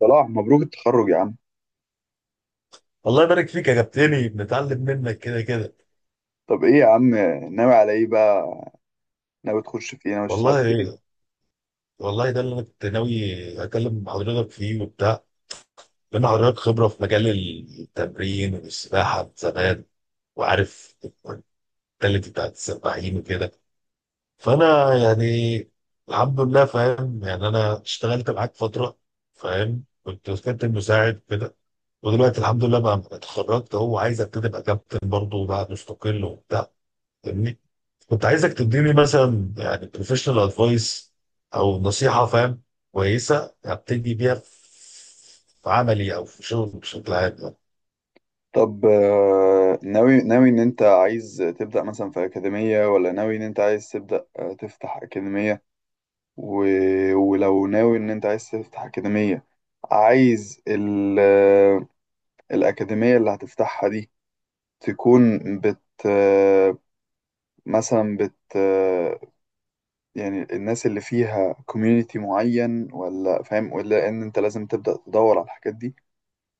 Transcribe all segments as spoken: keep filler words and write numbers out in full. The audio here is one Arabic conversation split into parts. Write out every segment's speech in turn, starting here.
صلاح مبروك التخرج يا عم. والله يبارك فيك يا كابتني، بنتعلم منك كده كده. طب ايه يا عم، ناوي على ايه بقى؟ ناوي تخش في ايه، ناوي تشتغل في والله ايه؟ والله ده اللي انا كنت ناوي اكلم حضرتك فيه وبتاع، لان حضرتك خبره في مجال التمرين والسباحه من زمان، وعارف الكواليتي بتاعت السباحين وكده. فانا يعني الحمد لله فاهم، يعني انا اشتغلت معاك فتره، فاهم، كنت كابتن مساعد كده، ودلوقتي الحمد لله بقى اتخرجت، هو عايز ابتدي ابقى كابتن برضه وبقى مستقل وبتاع، فاهمني، كنت عايزك تديني مثلا يعني بروفيشنال ادفايس او نصيحه، فاهم، كويسه ابتدي بيها في في عملي او في شغل بشكل عام يعني. طب آه، ناوي ناوي ان انت عايز تبدأ مثلا في أكاديمية، ولا ناوي ان انت عايز تبدأ آه، تفتح أكاديمية و... ولو ناوي ان انت عايز تفتح أكاديمية، عايز ال... آه، الأكاديمية اللي هتفتحها دي تكون بت آه، مثلا بت آه، يعني الناس اللي فيها كوميونيتي معين، ولا فاهم ولا ان انت لازم تبدأ تدور على الحاجات دي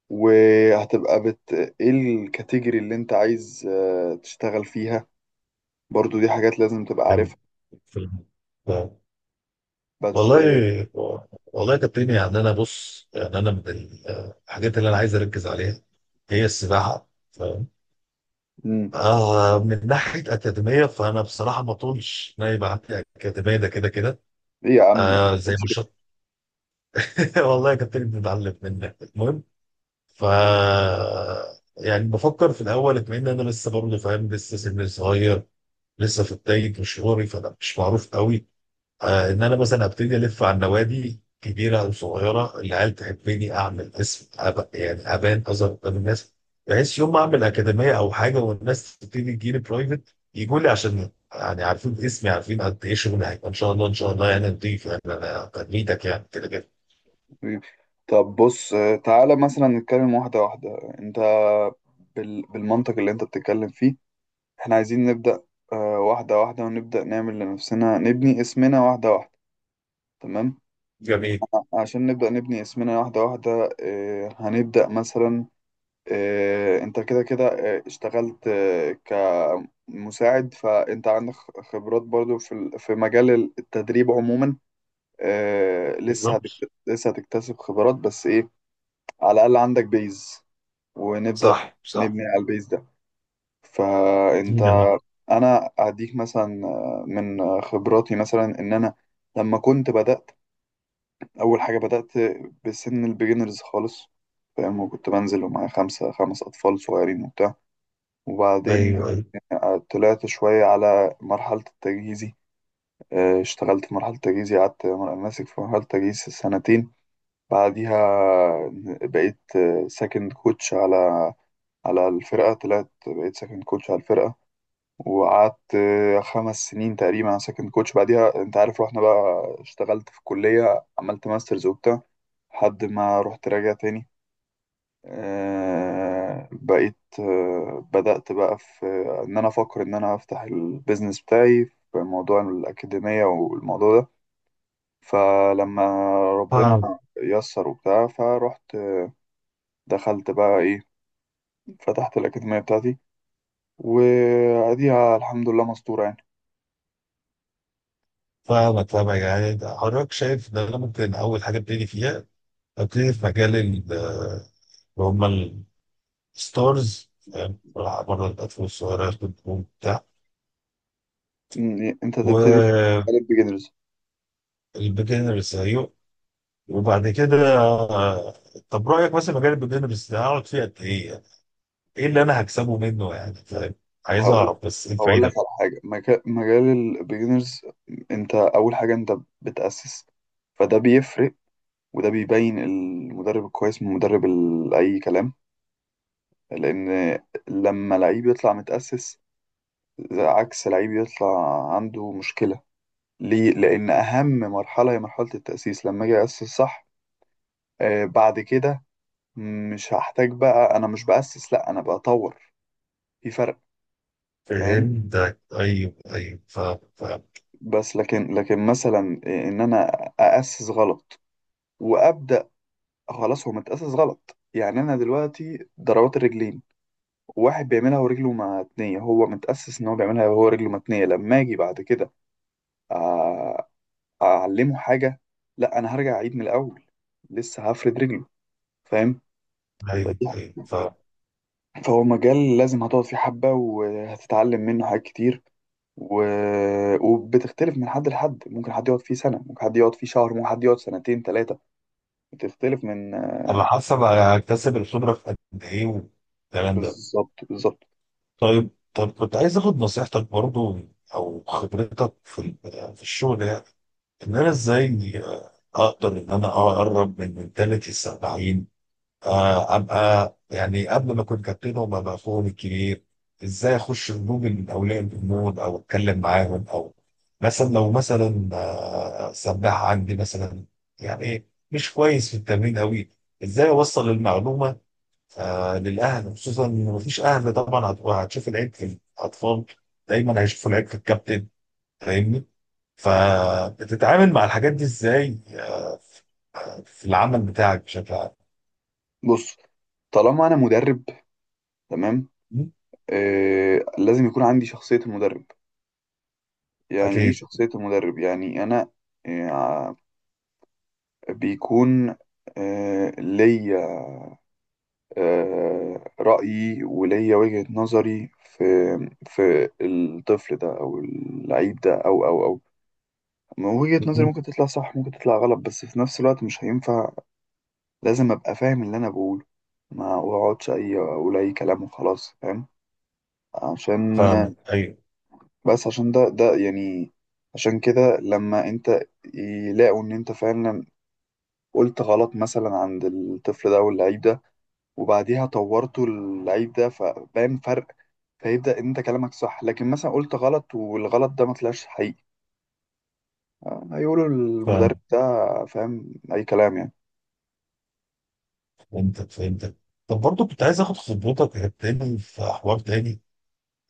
وهتبقى بت، ايه الكاتيجوري اللي انت عايز آه، تشتغل فيها؟ برضو دي حاجات لازم تبقى يعني عارفها. في الم- آه. بس آه، والله والله يا كابتن، يعني انا بص، يعني انا من ال- آه، الحاجات اللي انا عايز اركز عليها هي السباحه، فاهم. مم. آه من ناحيه اكاديميه، فانا بصراحه ما طولش ان أنا يبقى عندي اكاديميه، ده كده كده. ايه يا عم، آه زي ما بس كده؟ شاء. والله يا كابتن بنتعلم منك، المهم ف يعني بفكر في الاول اكمن انا لسه برضه، فاهم، لسه سن صغير، لسه في بدايه مشواري، فانا مش معروف قوي. آه، ان انا مثلا ابتدي الف على النوادي كبيره او صغيره، العيال تحبني، اعمل اسم أب... يعني ابان اظهر قدام الناس، بحيث يوم ما اعمل اكاديميه او حاجه والناس تبتدي تجيلي برايفت يجوا لي، عشان يعني عارفين اسمي، عارفين قد ايه شغل هيبقى ان شاء الله، ان شاء الله يعني نضيف، يعني انا تنميتك يعني كده كده. حبيبي. طب بص، آه، تعالى مثلا نتكلم واحدة واحدة. انت بال... بالمنطق اللي انت بتتكلم فيه، احنا عايزين نبدأ آه، واحدة واحدة، ونبدأ نعمل لنفسنا، نبني اسمنا واحدة واحدة، تمام؟ جميل. عشان نبدأ نبني اسمنا واحدة واحدة آه، هنبدأ مثلا، آه، انت كده كده آه، اشتغلت آه، كمساعد، فانت عندك خبرات برضو في ال- في مجال التدريب عموما. آه، لسه بالظبط. هتكت- لسه هتكتسب خبرات، بس ايه، على الأقل عندك بيز، ونبدأ صح صح. نبني على البيز ده. فانت جميل. انا اديك مثلا آه، من خبراتي، مثلا ان انا لما كنت بدأت، أول حاجة بدأت بسن البيجنرز خالص، فاهم؟ وكنت بنزل ومعايا خمسة خمس أطفال صغيرين وبتاع، ايوه، وبعدين أيوة. طلعت شوية على مرحلة التجهيزي. آه، اشتغلت في مرحلة التجهيزي، قعدت مر- ماسك في مرحلة التجهيز سنتين. بعديها بقيت سكند كوتش على على الفرقة، طلعت بقيت سكند كوتش على الفرقة، وقعدت آه، خمس سنين تقريبا انا سكند كوتش. بعديها انت عارف رحنا بقى، اشتغلت في الكلية، عملت ماسترز وبتاع، لحد ما رحت راجع تاني. آه، بقيت آه، بدأت بقى في ان انا افكر ان انا افتح البيزنس بتاعي في موضوع الأكاديمية والموضوع ده. فلما ربنا فاهم. يسر وبتاع، فرحت دخلت بقى ايه، فتحت الأكاديمية بتاعتي، وأديها الحمد لله مستورة يعني. فاهمك فاهمك، يعني ده حضرتك شايف ان انا ممكن اول حاجه ابتدي فيها، ابتدي في مجال ال- اللي هم الستارز، فاهم، بلعب بره الاطفال الصغيره ياخد نجوم بتاع. مم، انت تبتدي في والبيجنرز، مجال البيجنرز. ايوه. وبعد كده آه، طب رايك مثلا مجال البيجنرز ده هقعد فيه قد ايه يعني؟ ايه اللي انا هكسبه منه، يعني فاهم، عايز هقول اعرف بس ايه هقول لك الفايده. على حاجه، مجا- مجال البيجنرز، انت اول حاجه انت بتاسس، فده بيفرق، وده بيبين المدرب الكويس من مدرب ال- اي كلام. لان لما لعيب يطلع متاسس عكس لعيب يطلع عنده مشكله، ليه؟ لان اهم مرحله هي مرحله التاسيس. لما اجي اسس صح، آه بعد كده مش هحتاج بقى انا مش باسس، لا انا بطور، في فرق فاهم. فهمتك، ايوه ايوه، فاهم فاهم. بس لكن لكن مثلا ان انا اسس غلط وابدا، خلاص هو متاسس غلط. يعني انا دلوقتي ضربات الرجلين، واحد بيعملها ورجله متنيه، هو متاسس ان هو بيعملها وهو رجله متنيه، لما اجي بعد كده أ- اعلمه حاجه، لا انا هرجع اعيد من الاول، لسه هفرد رجله، فاهم؟ فدي، ايوه ايوه فاهم. فهو مجال لازم هتقعد فيه حبه، وهتتعلم منه حاجات كتير، و... وبتختلف من حد لحد، ممكن حد يقعد فيه سنه، ممكن حد يقعد فيه شهر، ممكن حد يقعد سنتين ثلاثه، بتختلف من. انا حاسه بقى هكتسب الخبره في قد ايه والكلام ده. بالظبط بالظبط. طيب، طب كنت عايز اخد نصيحتك برضو، او خبرتك في ال- في الشغل، يعني ان انا ازاي آه، اقدر ان انا اقرب من منتاليتي السبعين، آه، ابقى يعني قبل ما اكون كابتن وما بقى فوق الكبير. ازاي اخش جروب من اولياء الامور او اتكلم معاهم، او مثلا لو مثلا آه، سباح عندي مثلا يعني إيه، مش كويس في التمرين قوي، ازاي اوصل المعلومه آه للاهل، خصوصا ان مفيش اهل طبعا هت- هتشوف العيب في الاطفال، دايما هيشوفوا العيب في الكابتن، فاهمني. فبتتعامل مع الحاجات دي ازاي آه ف- في العمل بتاعك بشكل عام؟ بص، طالما انا مدرب، تمام، م؟ آه لازم يكون عندي شخصية المدرب. يعني ايه اكيد. شخصية المدرب؟ يعني انا آه بيكون آه ليا آه رأيي وليا وجهة نظري في في الطفل ده او اللعيب ده او او او ما وجهة م- نظري م. ممكن تطلع صح ممكن تطلع غلط، بس في نفس الوقت مش هينفع، لازم ابقى فاهم اللي انا بقوله، ما اقعدش اي اقول اي كلام وخلاص، فاهم؟ عشان فاهمك، ايوه. بس عشان ده ده يعني، عشان كده لما انت يلاقوا ان انت فعلا قلت غلط مثلا عند الطفل ده واللعيب ده، وبعديها طورته اللعيب ده فبان فرق، فيبدأ انت كلامك صح. لكن مثلا قلت غلط والغلط ده ما طلعش حقيقي، آه، هيقولوا المدرب فاهمك. ده فاهم اي كلام يعني. فهمتك فهمتك. طب برضه كنت عايز اخد خبرتك يا تاني في حوار تاني،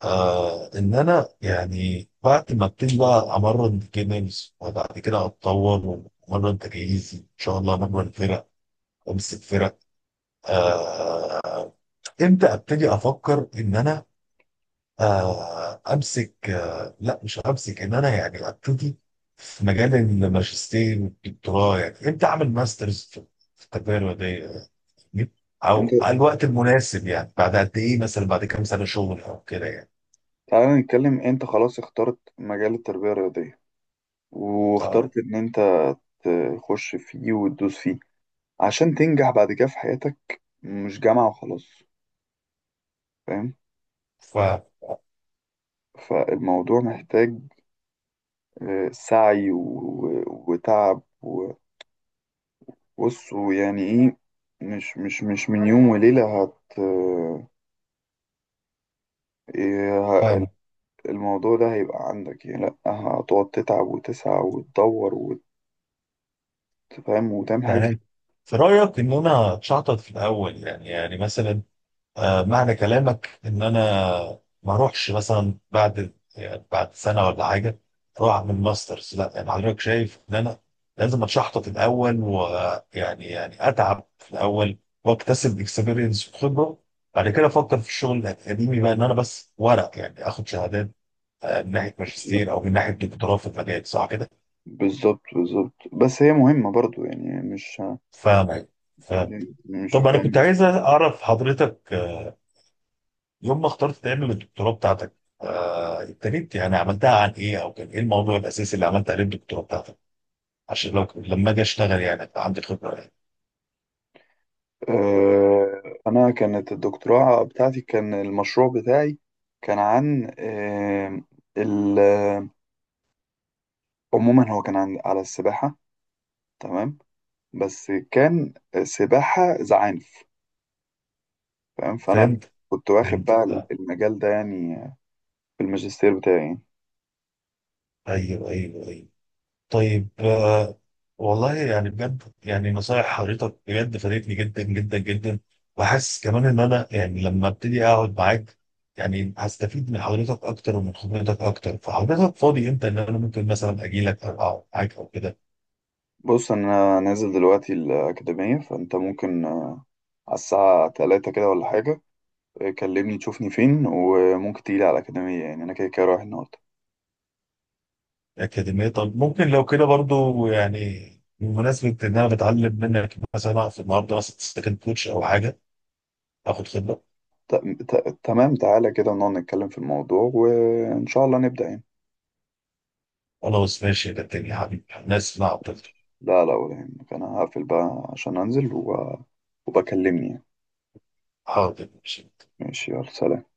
آه ان انا يعني بعد ما ابتدي بقى امرن جيمز وبعد كده اتطور وامرن تجهيزي، ان شاء الله امرن فرق وامسك فرق، آه، امتى ابتدي افكر ان انا آه، امسك آه، لا مش همسك ان انا يعني ابتدي في مجال الماجستير والدكتوراه، يعني امتى اعمل ماسترز في في التجاره دي، انت او على الوقت المناسب يعني بعد قد ايه، مثلا بعد كام سنه شغل او كده يعني. تعالى نتكلم، انت خلاص اخترت مجال التربية الرياضية، واخترت طيب، ان انت تخش فيه وتدوس فيه، عشان تنجح بعد كده في حياتك، مش جامعة وخلاص، فاهم؟ ف فالموضوع محتاج آه، سعي و- وتعب، وبص، ويعني ايه، مش مش مش من يوم وليلة هت آه، إيه ه- فاهم. الموضوع ده هيبقى عندك يعني، لأ هتقعد تتعب وتسعى وتدور وتفهم وتعمل حاجات يعني في رايك ان انا اتشحطط في الاول، يعني يعني مثلا آه، معنى كلامك ان انا ما اروحش مثلا بعد يعني بعد سنه ولا حاجه اروح اعمل ماسترز، لا يعني حضرتك شايف ان انا لازم اتشحطط الاول، ويعني يعني يعني اتعب في الاول واكتسب اكسبيرينس وخبره، بعد كده افكر في الشغل الاكاديمي بقى، ان انا بس ورق يعني اخد شهادات آه، من ناحيه كتير. ماجستير او من ناحيه دكتوراه في المجال، صح كده؟ بالظبط بالظبط، بس هي مهمة برضو يعني، مش فاهم فاهم. مش طب انا فاهم. كنت عايز اعرف حضرتك آه، يوم ما اخترت تعمل الدكتوراه بتاعتك آه، ابتديت يعني عملتها عن ايه، او كان ايه الموضوع الاساسي اللي عملت عليه الدكتوراه بتاعتك، عشان لو لما اجي اشتغل يعني ابقى عندي خبره يعني. آه، أنا كانت الدكتوراه بتاعتي، كان المشروع بتاعي كان عن آه، ال- آه، عموما هو كان عن على السباحة، تمام، بس كان سباحة زعانف، تمام. فأنا فهمت كنت واخد فهمت بقى آه، المجال ده يعني في الماجستير بتاعي يعني. ايوه ايوه ايوه. طيب آه، والله يعني بجد يعني نصايح حضرتك بجد فادتني جدا جدا جدا، وحاسس كمان ان انا يعني لما ابتدي اقعد معاك يعني هستفيد من حضرتك اكتر ومن خبرتك اكتر. فحضرتك فاضي امتى ان انا ممكن مثلا اجي لك او اقعد معاك او كده؟ بص أنا نازل دلوقتي الأكاديمية، فأنت ممكن آه، على الساعة تلاتة كده ولا حاجة آه، كلمني تشوفني فين، وممكن تيجي على الأكاديمية، يعني أنا كده كده رايح النهاردة. أكاديمية؟ طب ممكن لو كده برضو يعني بمناسبة إن أنا بتعلم منك مثلا في النهاردة مثلا سكند كوتش أو حاجة، آخد خبرة. ت- ت- تمام، تعالى كده نقعد نتكلم في الموضوع، وإن شاء الله نبدأ يعني. خلاص ماشي، ده الدنيا يا حبيبي، أنا آسف إن أنا عطلت. لا لا ولا يهمك، أنا هقفل بقى عشان أنزل و... وبكلمني يعني. حاضر ماشي. ماشي يلا سلام.